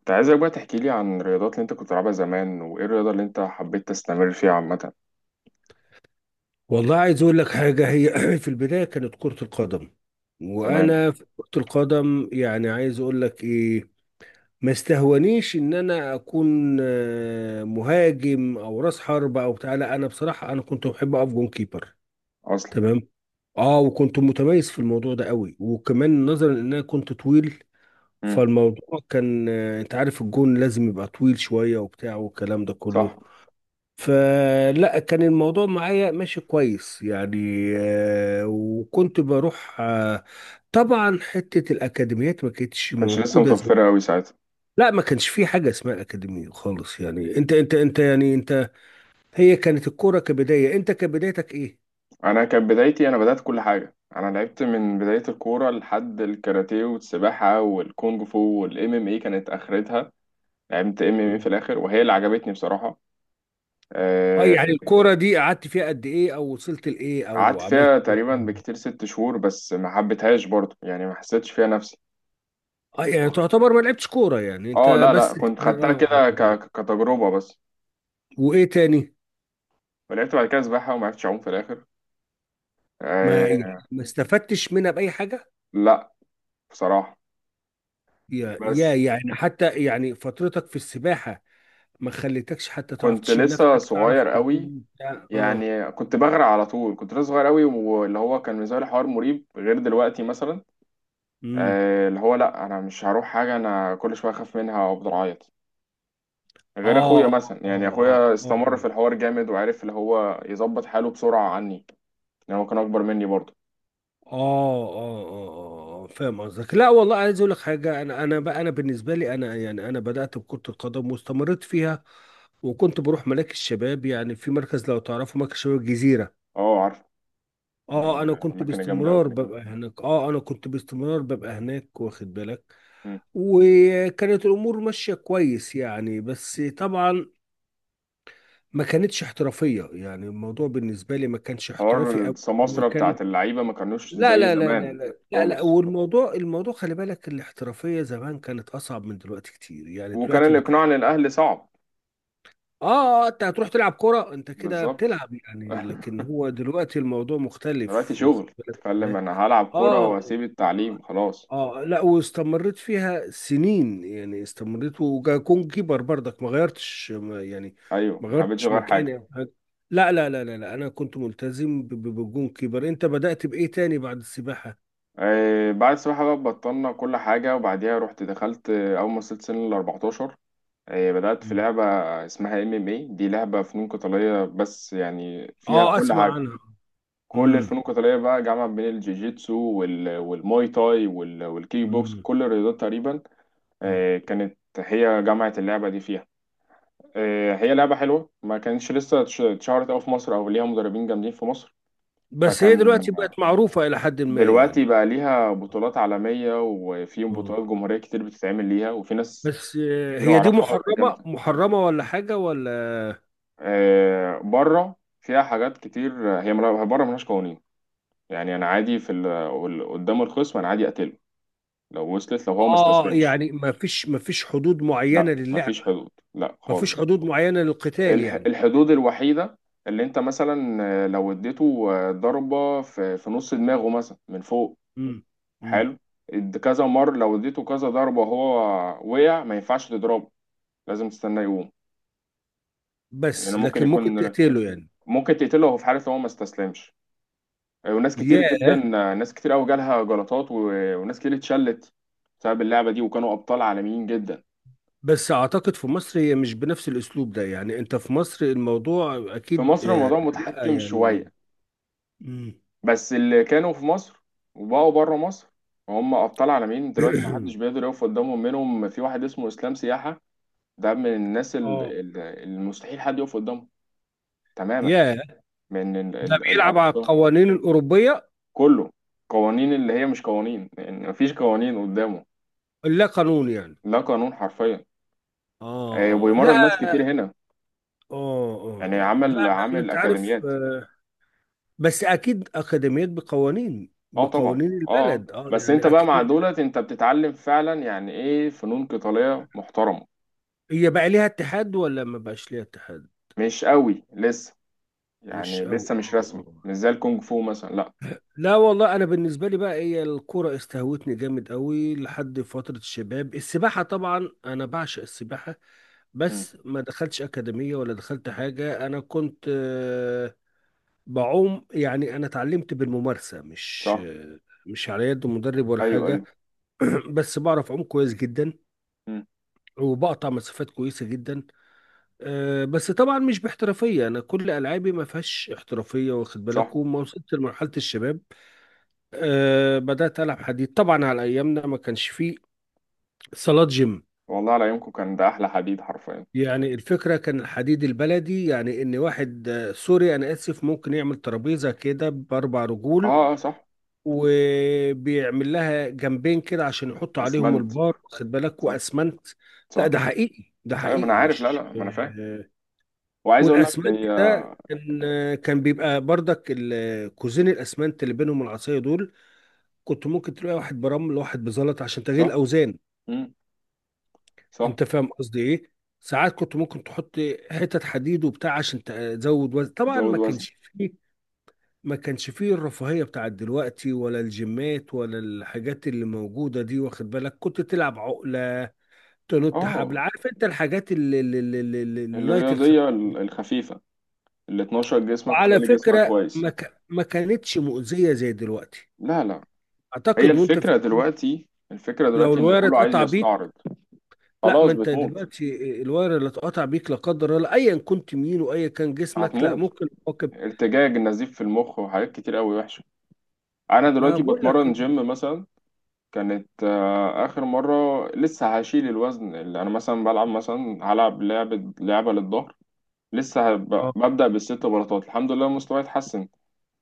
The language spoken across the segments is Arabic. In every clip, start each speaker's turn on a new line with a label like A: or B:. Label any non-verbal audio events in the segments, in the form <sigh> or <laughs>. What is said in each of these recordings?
A: انت عايزك بقى تحكي لي عن الرياضات اللي انت كنت بتلعبها زمان وايه الرياضة اللي انت حبيت تستمر فيها عامة؟
B: والله، عايز اقول لك حاجه. هي <clears throat> في البدايه كانت كره القدم.
A: تمام.
B: وانا في كره القدم يعني عايز اقول لك ايه؟ ما استهونيش ان انا اكون مهاجم او راس حربة او بتاع. لا، انا بصراحه انا كنت بحب اقف جون كيبر.
A: اصلا.
B: تمام. اه، وكنت متميز في الموضوع ده قوي، وكمان نظرا ان انا كنت طويل.
A: امم.
B: فالموضوع كان انت عارف الجون لازم يبقى طويل شويه وبتاع والكلام ده
A: صح.
B: كله. فلا كان الموضوع معايا ماشي كويس يعني. وكنت بروح طبعا حتة الأكاديميات ما كانتش
A: كانتش لسه
B: موجودة زي.
A: متوفرة قوي ساعتها.
B: لا، ما كانش في حاجة اسمها أكاديمية خالص. يعني انت يعني انت، هي كانت الكورة كبداية، انت كبدايتك ايه؟
A: انا كانت بدايتي، انا بدأت كل حاجة، انا لعبت من بداية الكورة لحد الكاراتيه والسباحة والكونغ فو والام ام اي كانت اخرتها. لعبت ام ام اي في الاخر وهي اللي عجبتني بصراحة.
B: اه،
A: آه،
B: يعني الكورة دي قعدت فيها قد ايه، او وصلت لايه، او
A: قعدت
B: عملت
A: فيها
B: ايه
A: تقريبا
B: فيها؟
A: بكتير ست شهور، بس ما حبيتهاش برضه، يعني ما حسيتش فيها نفسي.
B: اه، يعني تعتبر ما لعبتش كورة يعني
A: اه،
B: انت
A: لا لا،
B: بس
A: كنت
B: كده،
A: خدتها
B: اه.
A: كده
B: آه. آه.
A: كتجربة بس.
B: وايه تاني؟
A: ولعبت بعد كده سباحة وما عرفتش أعوم في الآخر.
B: ما يعني،
A: آه
B: ما استفدتش منها بأي حاجة؟
A: لا، بصراحة.
B: يا
A: بس
B: يعني حتى يعني فترتك في السباحة ما خليتكش حتى تعرف
A: كنت
B: تشيل
A: لسه
B: نفسك، تعرف
A: صغير قوي،
B: تعوم بتاع. اه.
A: يعني كنت بغرق على طول، كنت لسه صغير قوي، واللي هو كان بالنسبة لي حوار مريب غير دلوقتي مثلا.
B: امم.
A: اللي هو لا، أنا مش هروح حاجة، أنا كل شوية أخاف منها وأفضل أعيط. غير أخويا
B: اه اه
A: مثلا، يعني
B: اه.
A: أخويا
B: اه
A: استمر في
B: اه
A: الحوار جامد وعرف اللي هو يظبط حاله بسرعة عني. يعني هو كان أكبر مني برضه.
B: اه. اه اه فاهم قصدك. لا والله عايز اقول لك حاجة. انا بقى انا بالنسبة لي انا يعني انا بدأت بكرة القدم واستمرت فيها. وكنت بروح ملاك الشباب، يعني في مركز، لو تعرفوا مركز شباب الجزيرة.
A: أه، عارف.
B: اه
A: من
B: انا كنت
A: الأماكن الجامدة قوي.
B: باستمرار ببقى هناك. اه انا كنت باستمرار ببقى هناك، واخد بالك.
A: مم.
B: وكانت الامور ماشيه كويس يعني، بس طبعا ما كانتش احترافيه. يعني الموضوع بالنسبه لي ما كانش
A: حوار
B: احترافي قوي.
A: السماسرة
B: وكان
A: بتاعت اللعيبة ما كانوش
B: لا
A: زي
B: لا لا لا
A: زمان.
B: لا لا لا،
A: خالص.
B: والموضوع، خلي بالك الاحترافيه زمان كانت اصعب من دلوقتي كتير. يعني
A: وكان
B: دلوقتي بتلاقي
A: الإقناع للأهل صعب.
B: اه انت هتروح تلعب كرة، انت كده
A: بالظبط.
B: بتلعب يعني،
A: <laughs>
B: لكن هو دلوقتي الموضوع
A: دلوقتي
B: مختلف، واخد
A: شغل
B: بالك
A: تتكلم،
B: ازاي.
A: أنا هلعب
B: اه
A: كورة
B: آه.
A: وأسيب التعليم خلاص.
B: آه. اه لا، واستمريت فيها سنين يعني. استمريت وكون كيبر برضك ما غيرتش، ما يعني
A: أيوه،
B: ما
A: ما حبيتش
B: غيرتش
A: أغير حاجة.
B: مكاني او حاجه. لا لا لا لا لا، انا كنت ملتزم بالجون كيبر. انت بدأت بايه تاني بعد السباحه؟
A: بعد السباحة بقى بطلنا كل حاجة، وبعديها رحت دخلت، أول ما وصلت سن ال 14 بدأت في
B: مم.
A: لعبة اسمها ام ام اي، دي لعبة فنون قتالية، بس يعني فيها
B: اه،
A: كل
B: اسمع
A: حاجة.
B: عنها.
A: كل
B: امم.
A: الفنون القتالية بقى، جامعة بين الجيجيتسو والماي تاي والكيك بوكس،
B: امم.
A: كل الرياضات تقريبا.
B: أمم.
A: كانت هي جامعة، اللعبة دي فيها. هي لعبة حلوة، ما كانتش لسه اتشهرت أوي في مصر أو ليها مدربين جامدين في مصر.
B: بس هي دلوقتي
A: فكان.
B: بقت معروفه الى حد ما
A: دلوقتي
B: يعني.
A: بقى ليها بطولات عالمية، وفي
B: اه،
A: بطولات جمهورية كتير بتتعمل ليها، وفي ناس
B: بس
A: كتير
B: هي دي
A: أعرفها بقت
B: محرمه
A: جامدة.
B: محرمه ولا حاجه ولا؟
A: بره فيها حاجات كتير، هي بره ملهاش قوانين. يعني أنا عادي، قدام الخصم أنا عادي أقتله لو وصلت، لو هو ما
B: اه
A: استسلمش.
B: يعني ما فيش حدود معينه
A: لا، مفيش
B: للعبه.
A: حدود، لا
B: ما فيش
A: خالص.
B: حدود معينه للقتال يعني.
A: الحدود الوحيدة اللي انت مثلا، لو اديته ضربة في نص دماغه مثلا من فوق.
B: مم. مم.
A: حلو. كذا مرة، لو اديته كذا ضربة وهو وقع، ما ينفعش تضربه، لازم تستناه يقوم. يعني
B: بس
A: ممكن
B: لكن ممكن
A: يكون،
B: تقتله يعني.
A: ممكن تقتله وهو في حالة هو ما استسلمش. وناس كتير جدا.
B: ياه.
A: ناس كتير قوي جالها جلطات، وناس كتير اتشلت بسبب اللعبة دي، وكانوا أبطال عالميين جدا.
B: بس اعتقد في مصر هي مش بنفس الاسلوب ده. يعني انت في مصر الموضوع
A: في
B: اكيد
A: مصر
B: آه
A: الموضوع
B: لا
A: متحكم
B: يعني.
A: شوية.
B: مم.
A: بس اللي كانوا في مصر وبقوا بره مصر، هم ابطال عالمين دلوقتي،
B: <clears throat>
A: محدش بيقدر يقف قدامهم. منهم في واحد اسمه اسلام سياحة، ده من الناس
B: اه.
A: المستحيل حد يقف قدامه. تماما.
B: ياه.
A: من
B: ده بيلعب على
A: الابطال
B: القوانين الاوروبيه.
A: كله. قوانين اللي هي مش قوانين، يعني مفيش قوانين قدامه.
B: لا قانون يعني.
A: لا قانون حرفيا.
B: اه آه. لا.
A: وبيمرن ناس
B: اه
A: كتير هنا،
B: اه
A: يعني
B: آه. لا
A: عمل
B: أنا-
A: عامل
B: انت عارف
A: اكاديميات.
B: بس اكيد اكاديميات بقوانين،
A: اه طبعا. اه، آه.
B: البلد اه
A: بس انت
B: يعني
A: بقى مع
B: أكيد.
A: دولت انت بتتعلم فعلا، يعني ايه فنون قتالية محترمة.
B: هي بقى ليها اتحاد ولا ما بقاش ليها اتحاد؟
A: مش قوي لسه،
B: مش
A: يعني
B: قوي.
A: لسه مش
B: اه
A: رسمي،
B: آه.
A: مش زي الكونغ فو مثلا، لا.
B: لا والله انا بالنسبه لي بقى هي الكوره استهوتني جامد قوي لحد فتره الشباب. السباحه طبعا انا بعشق السباحه،
A: مم.
B: بس ما دخلتش اكاديميه ولا دخلت حاجه. انا كنت بعوم يعني. انا اتعلمت بالممارسه، مش
A: صح.
B: مش على يد مدرب ولا
A: ايوه،
B: حاجه.
A: ايوه.
B: <clears throat> بس بعرف اعوم كويس جدا،
A: مم.
B: وبقطع مسافات كويسه جدا. بس طبعا مش باحترافيه. انا كل العابي ما فيهاش احترافيه، واخد
A: صح.
B: بالك. وما وصلت لمرحله الشباب أه بدأت ألعب حديد. طبعا على أيامنا ما كانش فيه صالات جيم.
A: والله على يومكم كان ده احلى حديد حرفيا.
B: يعني الفكرة كان الحديد البلدي. يعني إن واحد سوري أنا آسف، ممكن يعمل ترابيزة كده بأربع رجول.
A: اه اه صح.
B: وبيعمل لها جنبين كده عشان يحط عليهم
A: اسمنت.
B: البار، واخد بالك،
A: صح.
B: وأسمنت. لا
A: صح.
B: ده حقيقي، ده
A: ايوه ما انا
B: حقيقي
A: عارف، لا لا،
B: مش
A: ما انا فاهم.
B: أه.
A: وعايز اقول لك
B: والأسمنت
A: هي.
B: ده كان بيبقى بردك ال- كوزين الأسمنت اللي بينهم العصاية دول. كنت ممكن تلاقي واحد برمل وواحد بزلط عشان تغيير
A: صح.
B: الأوزان.
A: مم. صح.
B: انت فاهم قصدي ايه. ساعات كنت ممكن تحط حتت حديد وبتاع عشان تزود وزن. طبعا
A: تزود
B: ما
A: وزن.
B: كانش فيه، الرفاهية بتاعت دلوقتي ولا الجيمات ولا الحاجات اللي موجودة دي، واخد بالك. كنت تلعب عقلة، تنط حبل،
A: اه.
B: عارف انت الحاجات اللايت الخفيفة
A: الرياضيه
B: دي.
A: الخفيفه، اللي تنشط جسمك
B: وعلى
A: وتخلي جسمك
B: فكرة
A: كويس.
B: ما كانتش مؤذية زي دلوقتي.
A: لا لا. هي
B: اعتقد وانت في
A: الفكره دلوقتي، الفكره
B: لو
A: دلوقتي ان
B: الواير
A: كله عايز
B: اتقطع
A: يستعرض.
B: بيك. لا ما
A: خلاص
B: انت
A: بتموت.
B: دلوقتي، الواير اللي اتقطع بيك لا قدر الله ايا كنت مين وايا كان جسمك، لا
A: هتموت.
B: ممكن تواكب.
A: ارتجاج، النزيف في المخ، وحاجات كتير قوي وحشه. انا
B: ما انا
A: دلوقتي
B: بقول لك
A: بتمرن
B: ال-
A: جيم مثلا، كانت اخر مره، لسه هشيل الوزن اللي انا مثلا بلعب، مثلا هلعب لعبه للظهر، لسه
B: اه.
A: ببدا بالست بلاطات، الحمد لله مستواي اتحسن.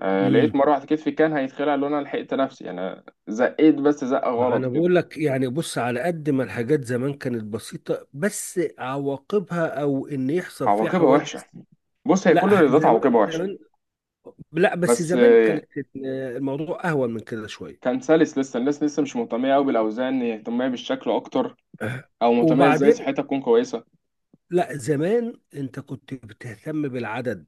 A: لقيت
B: امم.
A: مره واحده كتفي كان هيتخلع، لو انا لحقت نفسي، انا زقيت بس زقه
B: ما
A: غلط
B: انا
A: كده.
B: بقول لك يعني بص، على قد ما الحاجات زمان كانت بسيطة، بس عواقبها او ان يحصل فيها
A: عواقبها وحشه.
B: حوادث.
A: بص هي كل
B: لا
A: الرياضات
B: زمان
A: عواقبها وحشه.
B: زمان. لا بس
A: بس،
B: زمان كانت الموضوع اهون من كده شوية.
A: كان سلس، لسه الناس لسه مش مهتميه قوي بالاوزان، هي مهتميه بالشكل اكتر،
B: آه.
A: او مهتميه ازاي
B: وبعدين،
A: صحتها تكون كويسه.
B: لا زمان انت كنت بتهتم بالعدد،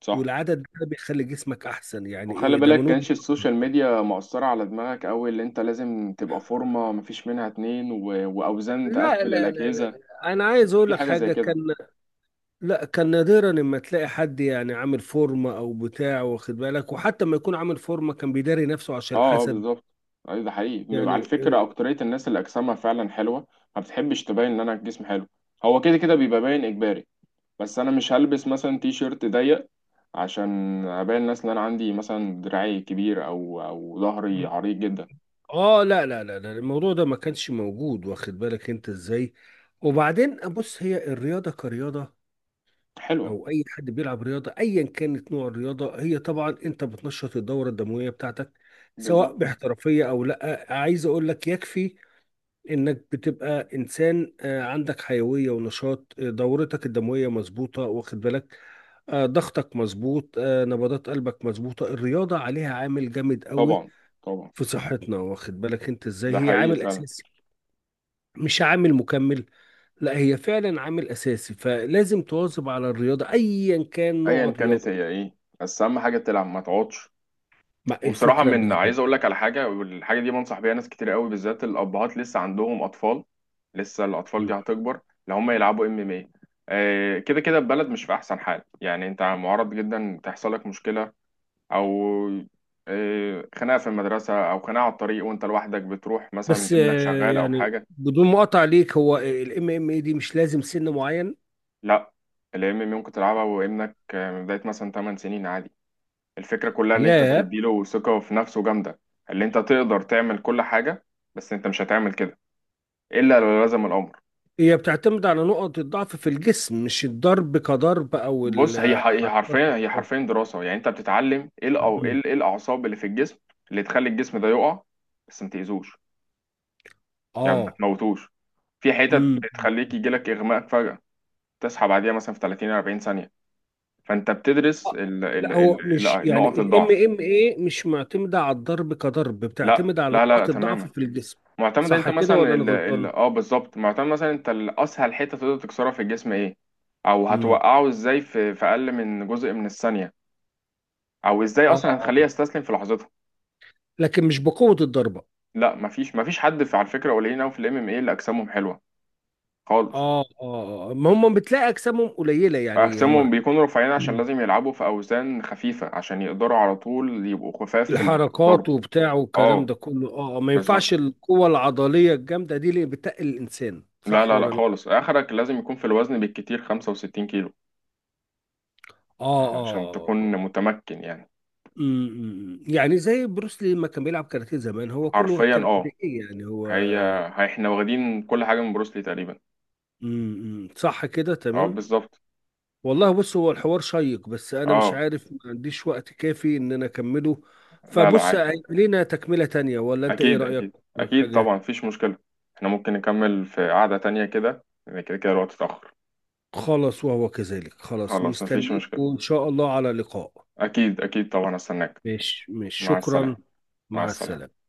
A: صح.
B: والعدد ده بيخلي جسمك احسن. يعني
A: وخلي
B: ايه ده
A: بالك
B: من وجهة.
A: كانش السوشيال ميديا مؤثرة على دماغك أوي، اللي أنت لازم تبقى فورمة، مفيش منها اتنين وأوزان
B: لا
A: تقفل
B: لا لا
A: الأجهزة.
B: لا، انا عايز اقول
A: في
B: لك
A: حاجة زي
B: حاجه. كان
A: كده.
B: لا، كان نادرا اما تلاقي حد يعني عامل فورمه او بتاع، واخد بالك. وحتى ما يكون عامل فورمه كان بيداري نفسه عشان
A: اه اه
B: الحسد
A: بالظبط. أيوة ده حقيقي، على
B: يعني.
A: فكرة أكترية الناس اللي أجسامها فعلا حلوة، ما بتحبش تبين إن أنا الجسم حلو. هو كده كده بيبقى باين إجباري. بس أنا مش هلبس مثلا تي شيرت ضيق عشان أبين الناس إن أنا عندي مثلا دراعي كبير أو ظهري
B: اه
A: عريض جدا.
B: لا لا لا لا الموضوع ده ما كانش موجود، واخد بالك انت ازاي. وبعدين بص، هي الرياضه كرياضه،
A: حلوة.
B: او اي حد بيلعب رياضه ايا كانت نوع الرياضه، هي طبعا انت بتنشط الدوره الدمويه بتاعتك سواء
A: بالظبط.
B: باحترافيه او لا. عايز اقول لك يكفي انك بتبقى انسان عندك حيويه ونشاط، دورتك الدمويه مظبوطه، واخد بالك. ضغطك مظبوط، نبضات قلبك مظبوطه. الرياضه عليها عامل جامد قوي
A: طبعا، طبعا.
B: في صحتنا، واخد بالك انت ازاي.
A: ده
B: هي
A: حقيقي
B: عامل
A: فعلا.
B: اساسي مش عامل مكمل. لا هي فعلا عامل اساسي، فلازم تواظب على الرياضه ايا كان نوع
A: ايا كانت
B: الرياضه.
A: هي ايه، بس اهم حاجه تلعب ما تقعدش.
B: مع
A: وبصراحه
B: الفكره
A: من
B: بالظبط.
A: عايز اقول لك على حاجه، والحاجه دي بنصح بيها ناس كتير قوي، بالذات الابهات لسه عندهم اطفال، لسه الاطفال
B: م.
A: دي هتكبر. لو هم يلعبوا ام ام اي، كده كده البلد مش في احسن حال، يعني انت معرض جدا تحصل لك مشكله، او خناقه في المدرسه او خناقه على الطريق وانت لوحدك، بتروح مثلا
B: بس
A: ابنك شغال او
B: يعني
A: حاجه.
B: بدون مقاطعه ليك، هو الام ام اي دي مش لازم سن معين.
A: لا، الام ام ممكن تلعبها وابنك من بدايه مثلا 8 سنين عادي. الفكرة كلها اللي انت
B: ياه.
A: بتديله ثقة في نفسه جامدة، اللي انت تقدر تعمل كل حاجة، بس انت مش هتعمل كده الا لو لزم الامر.
B: هي بتعتمد على نقط الضعف في الجسم مش الضرب كضرب، او
A: بص هي
B: الحركات
A: هي
B: حركات.
A: حرفيا دراسة، يعني انت بتتعلم ايه
B: مم.
A: الاعصاب اللي في الجسم اللي تخلي الجسم ده يقع، بس ما تاذوش، يعني ما
B: اه.
A: تموتوش. في حتت
B: امم.
A: بتخليك يجيلك اغماء فجأة، تصحى بعديها مثلا في 30 40 ثانية. فانت بتدرس
B: لا هو مش يعني
A: نقط
B: الام
A: الضعف.
B: ام اي مش معتمده على الضرب كضرب،
A: لا
B: بتعتمد على
A: لا لا، لا
B: نقط الضعف
A: تماما.
B: في الجسم.
A: معتمد، انت
B: صح كده
A: مثلا
B: ولا انا
A: ال ال
B: غلطان؟
A: اه بالظبط، معتمد مثلا انت، الاسهل حته تقدر تكسرها في الجسم ايه، او
B: امم.
A: هتوقعه ازاي في اقل من جزء من الثانيه، او ازاي
B: اه
A: اصلا هتخليه
B: آه.
A: يستسلم في لحظتها.
B: لكن مش بقوه الضربه.
A: لا، مفيش حد، في على فكره قليلين قوي في الام ام اي اللي اجسامهم حلوه. خالص.
B: اه اه آه. ما هم بتلاقي اجسامهم قليله يعني. هم
A: اجسامهم بيكونوا رفيعين عشان لازم يلعبوا في اوزان خفيفه عشان يقدروا على طول يبقوا خفاف في
B: الحركات
A: الضرب.
B: وبتاع والكلام ده
A: اه
B: كله اه ما ينفعش
A: بالظبط.
B: القوة العضلية الجامدة دي اللي بتقل الإنسان،
A: لا
B: صح
A: لا
B: ولا
A: لا
B: لا؟
A: خالص، اخرك لازم يكون في الوزن بالكتير 65 كيلو
B: اه
A: عشان
B: اه
A: تكون
B: آه.
A: متمكن، يعني
B: أمم. يعني زي بروس لي لما كان بيلعب كاراتيه زمان، هو كله
A: حرفيا
B: كان قد
A: اه.
B: ايه يعني هو.
A: احنا واخدين كل حاجة من بروسلي تقريبا.
B: أمم. صح كده،
A: اه
B: تمام.
A: بالظبط.
B: والله بص، هو الحوار شيق بس انا مش
A: اه،
B: عارف، ما عنديش وقت كافي ان انا اكمله.
A: لا لا،
B: فبص
A: عادي.
B: هيبقى لينا تكملة تانية، ولا انت ايه
A: اكيد
B: رأيك؟
A: اكيد اكيد
B: حاجة.
A: طبعا مفيش مشكلة. احنا ممكن نكمل في قعدة تانية كده، لأن كده كده الوقت اتأخر.
B: خلاص وهو كذلك، خلاص
A: خلاص مفيش
B: مستنيك
A: مشكلة.
B: وان شاء الله على لقاء.
A: اكيد اكيد طبعا استناك.
B: مش
A: مع
B: شكرا.
A: السلامة. مع
B: مع
A: السلامة.
B: السلامة.